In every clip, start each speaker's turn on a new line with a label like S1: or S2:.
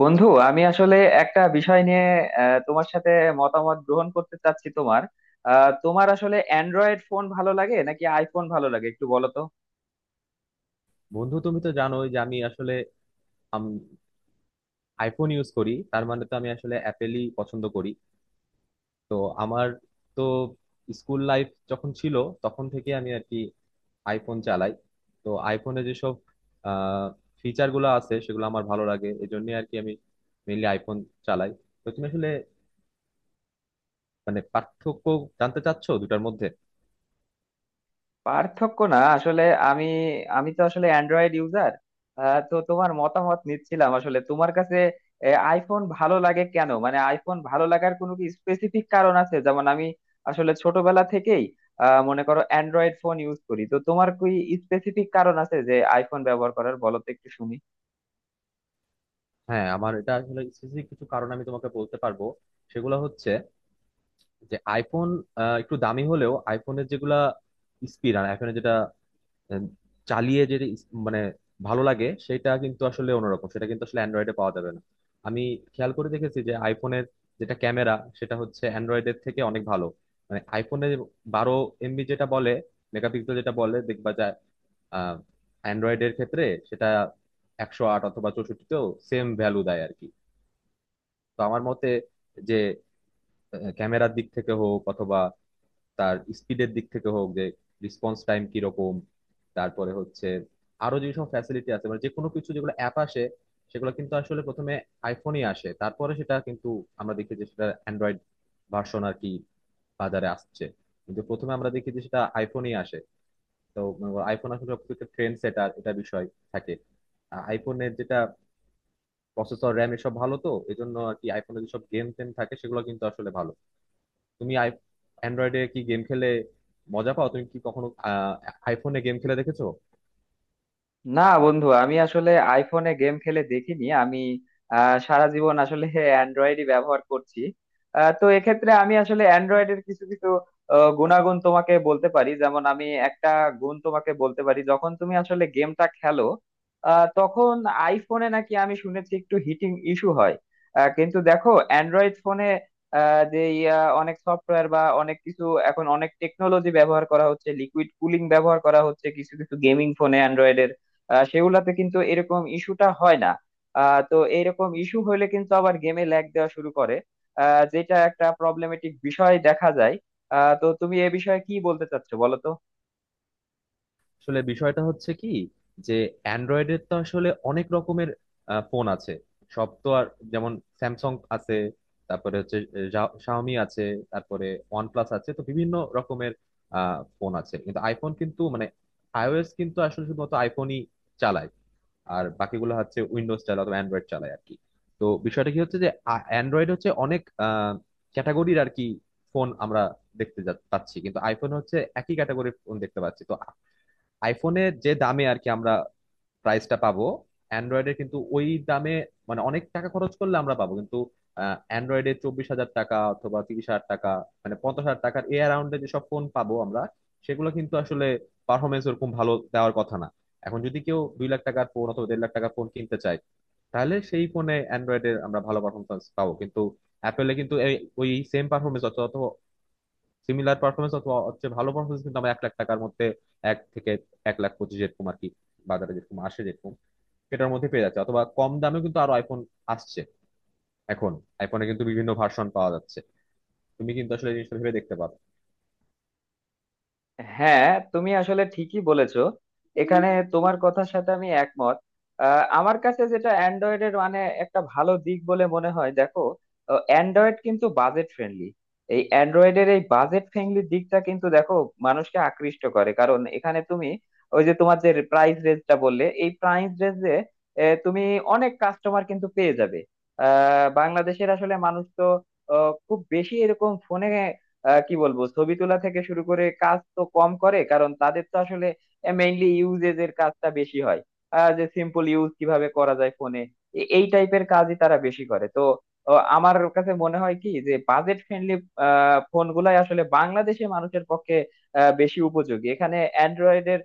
S1: বন্ধু আমি আসলে একটা বিষয় নিয়ে তোমার সাথে মতামত গ্রহণ করতে চাচ্ছি। তোমার তোমার আসলে অ্যান্ড্রয়েড ফোন ভালো লাগে নাকি আইফোন ভালো লাগে একটু বলো তো।
S2: বন্ধু তুমি তো জানোই যে আমি আসলে আম- আইফোন ইউজ করি, তার মানে তো আমি আসলে অ্যাপেলই পছন্দ করি। তো আমার তো স্কুল লাইফ যখন ছিল তখন থেকে আমি আর কি আইফোন চালাই। তো আইফোনে যেসব ফিচার গুলো আছে সেগুলো আমার ভালো লাগে, এই জন্য আর কি আমি মেইনলি আইফোন চালাই। তো তুমি আসলে মানে পার্থক্য জানতে চাচ্ছো দুটার মধ্যে?
S1: পার্থক্য না আসলে, আমি আমি তো আসলে অ্যান্ড্রয়েড ইউজার। তো তোমার মতামত নিচ্ছিলাম আসলে। তোমার কাছে আইফোন ভালো লাগে কেন, মানে আইফোন ভালো লাগার কোনো কি স্পেসিফিক কারণ আছে? যেমন আমি আসলে ছোটবেলা থেকেই মনে করো অ্যান্ড্রয়েড ফোন ইউজ করি। তো তোমার কি স্পেসিফিক কারণ আছে যে আইফোন ব্যবহার করার, বলো তো একটু শুনি।
S2: হ্যাঁ, আমার এটা আসলে স্পেসিফিক কিছু কারণ আমি তোমাকে বলতে পারবো। সেগুলো হচ্ছে যে আইফোন একটু দামি হলেও আইফোনের যেগুলা স্পিড আর আইফোনে যেটা আহ, চালিয়ে যেটা মানে ভালো লাগে সেটা কিন্তু আসলে অন্যরকম, সেটা কিন্তু আসলে অ্যান্ড্রয়েডে পাওয়া যাবে না। আমি খেয়াল করে দেখেছি যে আইফোনের যেটা ক্যামেরা সেটা হচ্ছে অ্যান্ড্রয়েডের থেকে অনেক ভালো। মানে আইফোনে 12 MB যেটা বলে, মেগাপিক্সেল যেটা বলে দেখবা যায়। আহ, অ্যান্ড্রয়েডের ক্ষেত্রে সেটা 108 অথবা 64তেও সেম ভ্যালু দেয় আর কি। তো আমার মতে, যে ক্যামেরার দিক থেকে হোক অথবা তার স্পিডের দিক থেকে হোক, যে রেসপন্স টাইম কিরকম। তারপরে হচ্ছে আরো যেসব ফ্যাসিলিটি আছে, মানে যে কোনো কিছু যেগুলো অ্যাপ আসে সেগুলো কিন্তু আসলে প্রথমে আইফোনই আসে, তারপরে সেটা কিন্তু আমরা দেখি যে সেটা অ্যান্ড্রয়েড ভার্সন আর কি বাজারে আসছে, কিন্তু প্রথমে আমরা দেখি যে সেটা আইফোনই আসে। তো আইফোন আসলে সবথেকে ট্রেন্ড সেটার এটা বিষয় থাকে। আইফোনের যেটা প্রসেসর, র্যাম এসব ভালো, তো এজন্য আর কি আইফোনের যেসব গেম টেম থাকে সেগুলো কিন্তু আসলে ভালো। তুমি অ্যান্ড্রয়েডে কি গেম খেলে মজা পাও? তুমি কি কখনো আইফোনে গেম খেলে দেখেছো?
S1: না বন্ধু, আমি আসলে আইফোনে গেম খেলে দেখিনি। আমি সারা জীবন আসলে অ্যান্ড্রয়েডই ব্যবহার করছি। তো এক্ষেত্রে আমি আসলে অ্যান্ড্রয়েডের কিছু কিছু গুণাগুণ তোমাকে বলতে পারি। যেমন আমি একটা গুণ তোমাকে বলতে পারি, যখন তুমি আসলে গেমটা খেলো তখন আইফোনে নাকি আমি শুনেছি একটু হিটিং ইস্যু হয়। কিন্তু দেখো অ্যান্ড্রয়েড ফোনে যে অনেক সফটওয়্যার বা অনেক কিছু এখন অনেক টেকনোলজি ব্যবহার করা হচ্ছে, লিকুইড কুলিং ব্যবহার করা হচ্ছে কিছু কিছু গেমিং ফোনে অ্যান্ড্রয়েডের। সেগুলাতে কিন্তু এরকম ইস্যুটা হয় না। তো এরকম ইস্যু হলে কিন্তু আবার গেমে ল্যাগ দেওয়া শুরু করে, যেটা একটা প্রবলেমেটিক বিষয় দেখা যায়। তো তুমি এ বিষয়ে কি বলতে চাচ্ছো বলো তো।
S2: আসলে বিষয়টা হচ্ছে কি যে অ্যান্ড্রয়েডের তো আসলে অনেক রকমের ফোন আছে। সব তো আর, যেমন স্যামসাং আছে, তারপরে হচ্ছে শাওমি আছে, তারপরে ওয়ানপ্লাস আছে, তো বিভিন্ন রকমের ফোন আছে। কিন্তু আইফোন কিন্তু মানে আইওএস কিন্তু আসলে শুধুমাত্র আইফোনই চালায়, আর বাকিগুলো হচ্ছে উইন্ডোজ চালায় অথবা অ্যান্ড্রয়েড চালায় আর কি। তো বিষয়টা কি হচ্ছে যে অ্যান্ড্রয়েড হচ্ছে অনেক ক্যাটাগরির আর কি ফোন আমরা দেখতে পাচ্ছি, কিন্তু আইফোন হচ্ছে একই ক্যাটাগরির ফোন দেখতে পাচ্ছি। তো আইফোনে যে দামে আর কি আমরা প্রাইসটা পাবো, অ্যান্ড্রয়েডে কিন্তু ওই দামে মানে অনেক টাকা খরচ করলে আমরা পাবো, কিন্তু অ্যান্ড্রয়েডে 24,000 টাকা অথবা 30,000 টাকা, মানে 50,000 টাকার এ অ্যারাউন্ডে যেসব ফোন পাবো আমরা সেগুলো কিন্তু আসলে পারফরমেন্স ওরকম ভালো দেওয়ার কথা না। এখন যদি কেউ 2 লাখ টাকার ফোন অথবা 1.5 লাখ টাকার ফোন কিনতে চায়, তাহলে সেই ফোনে অ্যান্ড্রয়েডের আমরা ভালো পারফরমেন্স পাবো, কিন্তু অ্যাপেলে কিন্তু এই ওই সেম পারফরমেন্স অথবা অথবা সিমিলার পারফরমেন্স অথবা হচ্ছে ভালো পারফরমেন্স কিন্তু আমরা 1 লাখ টাকার মধ্যে, এক থেকে 1,25,000 এরকম আর কি বাজারে যেরকম আসে, যেরকম এটার মধ্যে পেয়ে যাচ্ছে, অথবা কম দামেও কিন্তু আরো আইফোন আসছে এখন। আইফোনে কিন্তু বিভিন্ন ভার্সন পাওয়া যাচ্ছে, তুমি কিন্তু আসলে এই জিনিসটা ভেবে দেখতে পারো।
S1: হ্যাঁ, তুমি আসলে ঠিকই বলেছো। এখানে তোমার কথার সাথে আমি একমত। আমার কাছে যেটা অ্যান্ড্রয়েডের মানে একটা ভালো দিক বলে মনে হয়, দেখো অ্যান্ড্রয়েড কিন্তু বাজেট ফ্রেন্ডলি। এই অ্যান্ড্রয়েডের এই বাজেট ফ্রেন্ডলি দিকটা কিন্তু দেখো মানুষকে আকৃষ্ট করে, কারণ এখানে তুমি ওই যে তোমার যে প্রাইস রেঞ্জটা বললে, এই প্রাইস রেঞ্জে তুমি অনেক কাস্টমার কিন্তু পেয়ে যাবে। বাংলাদেশের আসলে মানুষ তো খুব বেশি এরকম ফোনে কি বলবো, ছবি তোলা থেকে শুরু করে কাজ তো কম করে, কারণ তাদের তো আসলে মেইনলি ইউজেজ এর কাজটা বেশি হয়। যে সিম্পল ইউজ কিভাবে করা যায় ফোনে, এই টাইপের কাজই তারা বেশি করে। তো আমার কাছে মনে হয় কি যে বাজেট ফ্রেন্ডলি ফোন গুলাই আসলে বাংলাদেশে মানুষের পক্ষে বেশি উপযোগী। এখানে অ্যান্ড্রয়েডের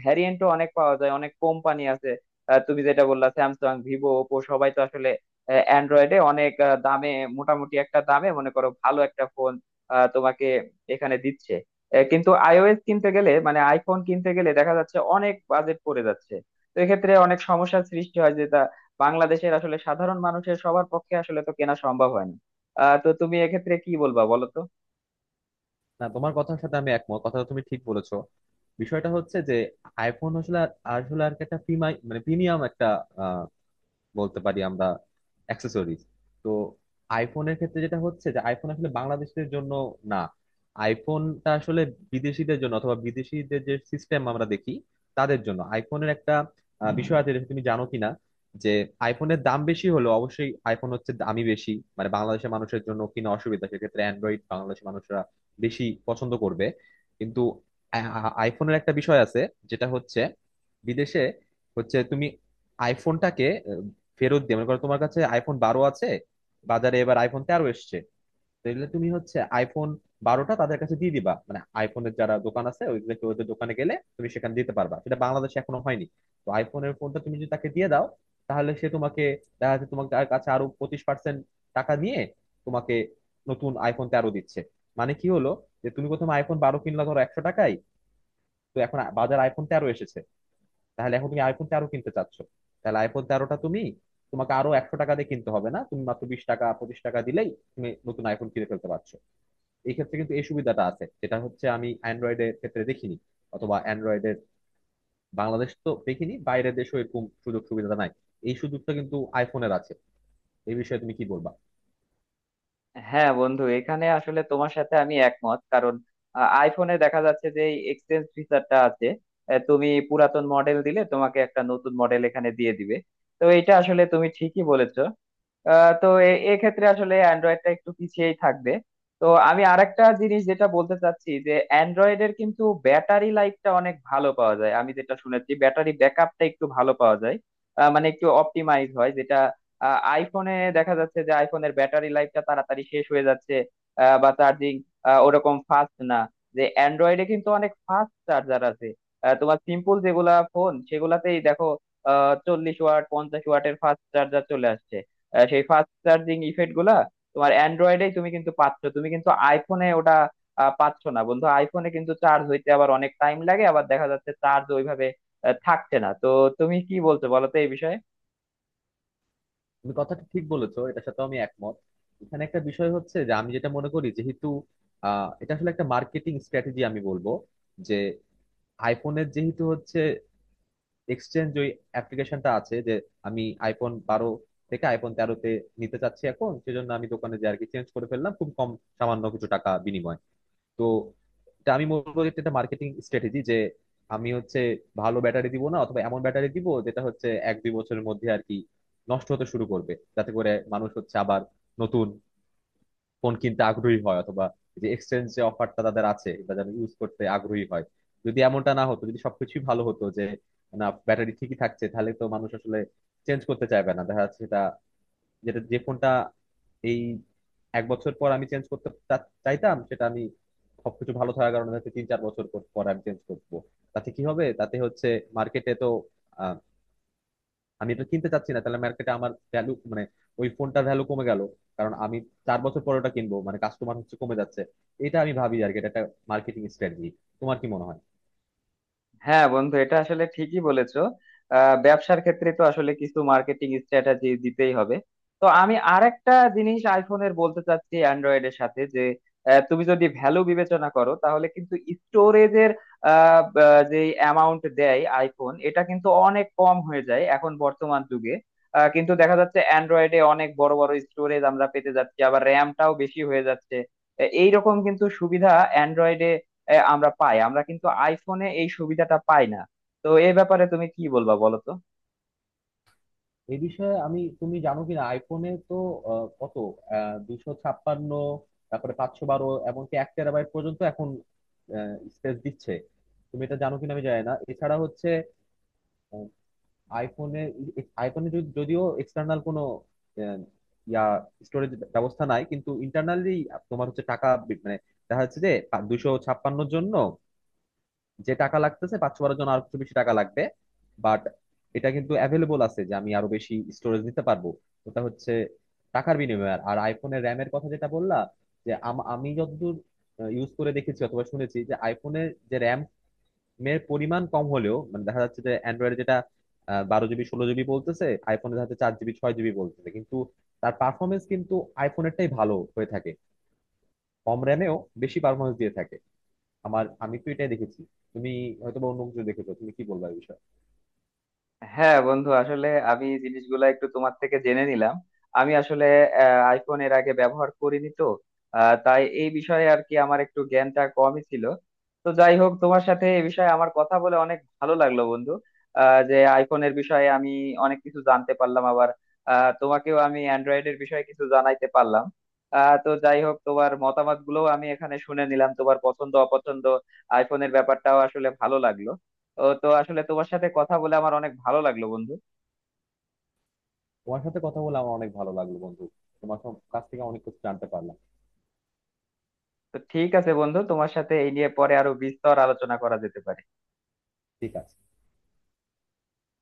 S1: ভ্যারিয়েন্টও অনেক পাওয়া যায়, অনেক কোম্পানি আছে। তুমি যেটা বললা, স্যামসাং, ভিভো, ওপো, সবাই তো আসলে অ্যান্ড্রয়েডে অনেক দামে, মোটামুটি একটা দামে মনে করো ভালো একটা ফোন তোমাকে এখানে দিচ্ছে। কিন্তু আইওএস কিনতে গেলে, মানে আইফোন কিনতে গেলে দেখা যাচ্ছে অনেক বাজেট পড়ে যাচ্ছে। তো এক্ষেত্রে অনেক সমস্যার সৃষ্টি হয়, যেটা বাংলাদেশের আসলে সাধারণ মানুষের, সবার পক্ষে আসলে তো কেনা সম্ভব হয় না। তো তুমি এক্ষেত্রে কি বলবা বলো তো।
S2: না, তোমার কথার সাথে আমি একমত, কথাটা তুমি ঠিক বলেছো। বিষয়টা হচ্ছে যে আইফোন আসলে আসলে আর কি একটা মানে প্রিমিয়াম একটা আহ, বলতে পারি আমরা অ্যাক্সেসরিজ। তো আইফোনের ক্ষেত্রে যেটা হচ্ছে যে আইফোন আসলে বাংলাদেশিদের জন্য না, আইফোনটা আসলে বিদেশিদের জন্য অথবা বিদেশিদের যে সিস্টেম আমরা দেখি তাদের জন্য। আইফোনের একটা বিষয় আছে যেটা তুমি জানো কিনা, যে আইফোনের দাম বেশি হলেও অবশ্যই আইফোন হচ্ছে দামি বেশি, মানে বাংলাদেশের মানুষের জন্য কিনা অসুবিধা, সেক্ষেত্রে অ্যান্ড্রয়েড বাংলাদেশের মানুষরা বেশি পছন্দ করবে। কিন্তু আইফোনের একটা বিষয় আছে যেটা হচ্ছে বিদেশে হচ্ছে তুমি আইফোনটাকে ফেরত দিয়ে, মনে করো তোমার কাছে iPhone 12 আছে, বাজারে এবার iPhone 13 এসছে, তাহলে তুমি হচ্ছে iPhone 12টা তাদের কাছে দিয়ে দিবা, মানে আইফোনের যারা দোকান আছে ওইগুলোকে, ওদের দোকানে গেলে তুমি সেখানে দিতে পারবা, সেটা বাংলাদেশে এখনো হয়নি। তো আইফোনের ফোনটা তুমি যদি তাকে দিয়ে দাও তাহলে সে তোমাকে, দেখা যাচ্ছে তোমার, তার কাছে আরো 25% টাকা নিয়ে তোমাকে নতুন iPhone 13 দিচ্ছে। মানে কি হলো যে তুমি প্রথমে iPhone 12 কিনলা ধরো 100 টাকায়, তো এখন বাজার iPhone 13 এসেছে, তাহলে এখন তুমি iPhone 13 কিনতে চাচ্ছ, তাহলে iPhone 13টা তুমি, তোমাকে আরো 100 টাকা দিয়ে কিনতে হবে না, তুমি মাত্র 20 টাকা 25 টাকা দিলেই তুমি নতুন আইফোন কিনে ফেলতে পারছো। এই ক্ষেত্রে কিন্তু এই সুবিধাটা আছে যেটা হচ্ছে আমি অ্যান্ড্রয়েডের ক্ষেত্রে দেখিনি, অথবা অ্যান্ড্রয়েডের বাংলাদেশ তো দেখিনি, বাইরের দেশেও এরকম সুযোগ সুবিধা নাই। এই সুযোগটা কিন্তু আইফোনের আছে। এই বিষয়ে তুমি কি বলবা?
S1: হ্যাঁ বন্ধু, এখানে আসলে তোমার সাথে আমি একমত। কারণ আইফোনে দেখা যাচ্ছে যে এই এক্সচেঞ্জ ফিচারটা আছে, এ, তুমি পুরাতন মডেল দিলে তোমাকে একটা নতুন মডেল এখানে দিয়ে দিবে। তো এটা আসলে তুমি ঠিকই বলেছো। তো এক্ষেত্রে আসলে অ্যান্ড্রয়েডটা একটু পিছিয়েই থাকবে। তো আমি আরেকটা জিনিস যেটা বলতে চাচ্ছি, যে অ্যান্ড্রয়েডের কিন্তু ব্যাটারি লাইফটা অনেক ভালো পাওয়া যায়, আমি যেটা শুনেছি, ব্যাটারি ব্যাকআপটা একটু ভালো পাওয়া যায়। মানে একটু অপটিমাইজ হয় যেটা। আইফোনে দেখা যাচ্ছে যে আইফোনের ব্যাটারি লাইফটা তাড়াতাড়ি শেষ হয়ে যাচ্ছে। বা চার্জিং ওরকম ফাস্ট না, যে অ্যান্ড্রয়েডে কিন্তু অনেক ফাস্ট চার্জার আছে। তোমার সিম্পল যেগুলা ফোন সেগুলাতেই দেখো 40 ওয়াট 50 ওয়াটের ফাস্ট চার্জার চলে আসছে। সেই ফাস্ট চার্জিং ইফেক্ট গুলা তোমার অ্যান্ড্রয়েডেই তুমি কিন্তু পাচ্ছ, তুমি কিন্তু আইফোনে ওটা পাচ্ছ না বন্ধু। আইফোনে কিন্তু চার্জ হইতে আবার অনেক টাইম লাগে, আবার দেখা যাচ্ছে চার্জ ওইভাবে থাকছে না। তো তুমি কি বলছো বলো তো এই বিষয়ে।
S2: তুমি কথাটা ঠিক বলেছো, এটার সাথে আমি একমত। এখানে একটা বিষয় হচ্ছে যে আমি যেটা মনে করি, যেহেতু আহ, এটা আসলে একটা মার্কেটিং স্ট্র্যাটেজি আমি বলবো, যে আইফোনের যেহেতু হচ্ছে এক্সচেঞ্জ ওই অ্যাপ্লিকেশনটা আছে যে আমি iPhone 12 থেকে iPhone 13-তে নিতে চাচ্ছি এখন, সেজন্য আমি দোকানে যে আর কি চেঞ্জ করে ফেললাম খুব কম, সামান্য কিছু টাকা বিনিময়। তো এটা আমি বলবো যে এটা মার্কেটিং স্ট্র্যাটেজি যে আমি হচ্ছে ভালো ব্যাটারি দিব না, অথবা এমন ব্যাটারি দিব যেটা হচ্ছে 1-2 বছরের মধ্যে আর কি নষ্ট হতে শুরু করবে, যাতে করে মানুষ হচ্ছে আবার নতুন ফোন কিনতে আগ্রহী হয়, অথবা যে এক্সচেঞ্জ যে অফারটা তাদের আছে এটা যেন ইউজ করতে আগ্রহী হয়। যদি এমনটা না হতো, যদি সবকিছুই ভালো হতো, যে না ব্যাটারি ঠিকই থাকছে, তাহলে তো মানুষ আসলে চেঞ্জ করতে চাইবে না, দেখা যাচ্ছে সেটা, যেটা যে ফোনটা এই 1 বছর পর আমি চেঞ্জ করতে চাইতাম সেটা আমি সবকিছু ভালো থাকার কারণে হয়তো 3-4 বছর পর পর আমি চেঞ্জ করবো। তাতে কি হবে? তাতে হচ্ছে মার্কেটে তো আমি এটা কিনতে চাচ্ছি না, তাহলে মার্কেটে আমার ভ্যালু মানে ওই ফোনটার ভ্যালু কমে গেল, কারণ আমি 4 বছর পরে ওটা কিনবো, মানে কাস্টমার হচ্ছে কমে যাচ্ছে। এটা আমি ভাবি আর কি, এটা একটা মার্কেটিং স্ট্র্যাটেজি। তোমার কি মনে হয়?
S1: হ্যাঁ বন্ধু, এটা আসলে ঠিকই বলেছো। ব্যবসার ক্ষেত্রে তো আসলে কিছু মার্কেটিং স্ট্র্যাটেজি দিতেই হবে। তো আমি আরেকটা জিনিস আইফোনের বলতে চাচ্ছি অ্যান্ড্রয়েড এর সাথে, যে তুমি যদি ভ্যালু বিবেচনা করো, তাহলে কিন্তু স্টোরেজের যে অ্যামাউন্ট দেয় আইফোন, এটা কিন্তু অনেক কম হয়ে যায় এখন বর্তমান যুগে। কিন্তু দেখা যাচ্ছে অ্যান্ড্রয়েডে অনেক বড় বড় স্টোরেজ আমরা পেতে যাচ্ছি, আবার র্যামটাও বেশি হয়ে যাচ্ছে। এইরকম কিন্তু সুবিধা অ্যান্ড্রয়েডে এ, আমরা পাই, আমরা কিন্তু আইফোনে এই সুবিধাটা পাই না। তো এই ব্যাপারে তুমি কি বলবা বলো তো।
S2: এই বিষয়ে আমি, তুমি জানো কিনা আইফোনে তো আহ, কত, আহ, 256, তারপরে 512, এমনকি 1 TB পর্যন্ত এখন স্পেস দিচ্ছে, তুমি এটা জানো কিনা আমি জানি না। এছাড়া হচ্ছে আইফোনে আইফোনে যদিও এক্সটার্নাল কোনো আহ, ইয়া স্টোরেজ ব্যবস্থা নাই, কিন্তু ইন্টারনালি তোমার হচ্ছে টাকা মানে দেখা যাচ্ছে যে 256-এর জন্য যে টাকা লাগতেছে, 512-এর জন্য আর কিছু বেশি টাকা লাগবে। বাট এটা কিন্তু অ্যাভেলেবল আছে যে আমি আরো বেশি স্টোরেজ নিতে পারবো, ওটা হচ্ছে টাকার বিনিময়ে। আর আইফোনের র্যামের কথা যেটা বললা, যে আমি যতদূর ইউজ করে দেখেছি অথবা শুনেছি যে আইফোনের যে র্যাম মেয়ের পরিমাণ কম হলেও, মানে দেখা যাচ্ছে যে অ্যান্ড্রয়েডে যেটা 12 GB 16 GB বলতেছে, আইফোনে দেখা যাচ্ছে 4 GB 6 GB বলতেছে, কিন্তু তার পারফরমেন্স কিন্তু আইফোনেরটাই ভালো হয়ে থাকে। কম র্যামেও বেশি পারফরমেন্স দিয়ে থাকে। আমার, আমি তো এটাই দেখেছি, তুমি হয়তো বা অন্য কিছু দেখেছো, তুমি কি বলবা এই বিষয়ে?
S1: হ্যাঁ বন্ধু, আসলে আমি এই জিনিসগুলা একটু তোমার থেকে জেনে নিলাম। আমি আসলে আইফোন এর আগে ব্যবহার করিনি। তো তাই এই বিষয়ে আর কি আমার একটু জ্ঞানটা কমই ছিল। তো যাই হোক, তোমার সাথে এই বিষয়ে আমার কথা বলে অনেক ভালো লাগলো বন্ধু। যে আইফোনের বিষয়ে আমি অনেক কিছু জানতে পারলাম, আবার তোমাকেও আমি অ্যান্ড্রয়েডের বিষয়ে কিছু জানাইতে পারলাম। তো যাই হোক, তোমার মতামত গুলোও আমি এখানে শুনে নিলাম, তোমার পছন্দ অপছন্দ, আইফোনের ব্যাপারটাও আসলে ভালো লাগলো। ও তো আসলে তোমার সাথে কথা বলে আমার অনেক ভালো লাগলো বন্ধু।
S2: তোমার সাথে কথা বলে আমার অনেক ভালো লাগলো বন্ধু, তোমার কাছ থেকে অনেক কিছু জানতে পারলাম।
S1: তো ঠিক আছে বন্ধু, তোমার সাথে এই নিয়ে পরে আরো বিস্তর আলোচনা করা যেতে পারে।
S2: ঠিক আছে।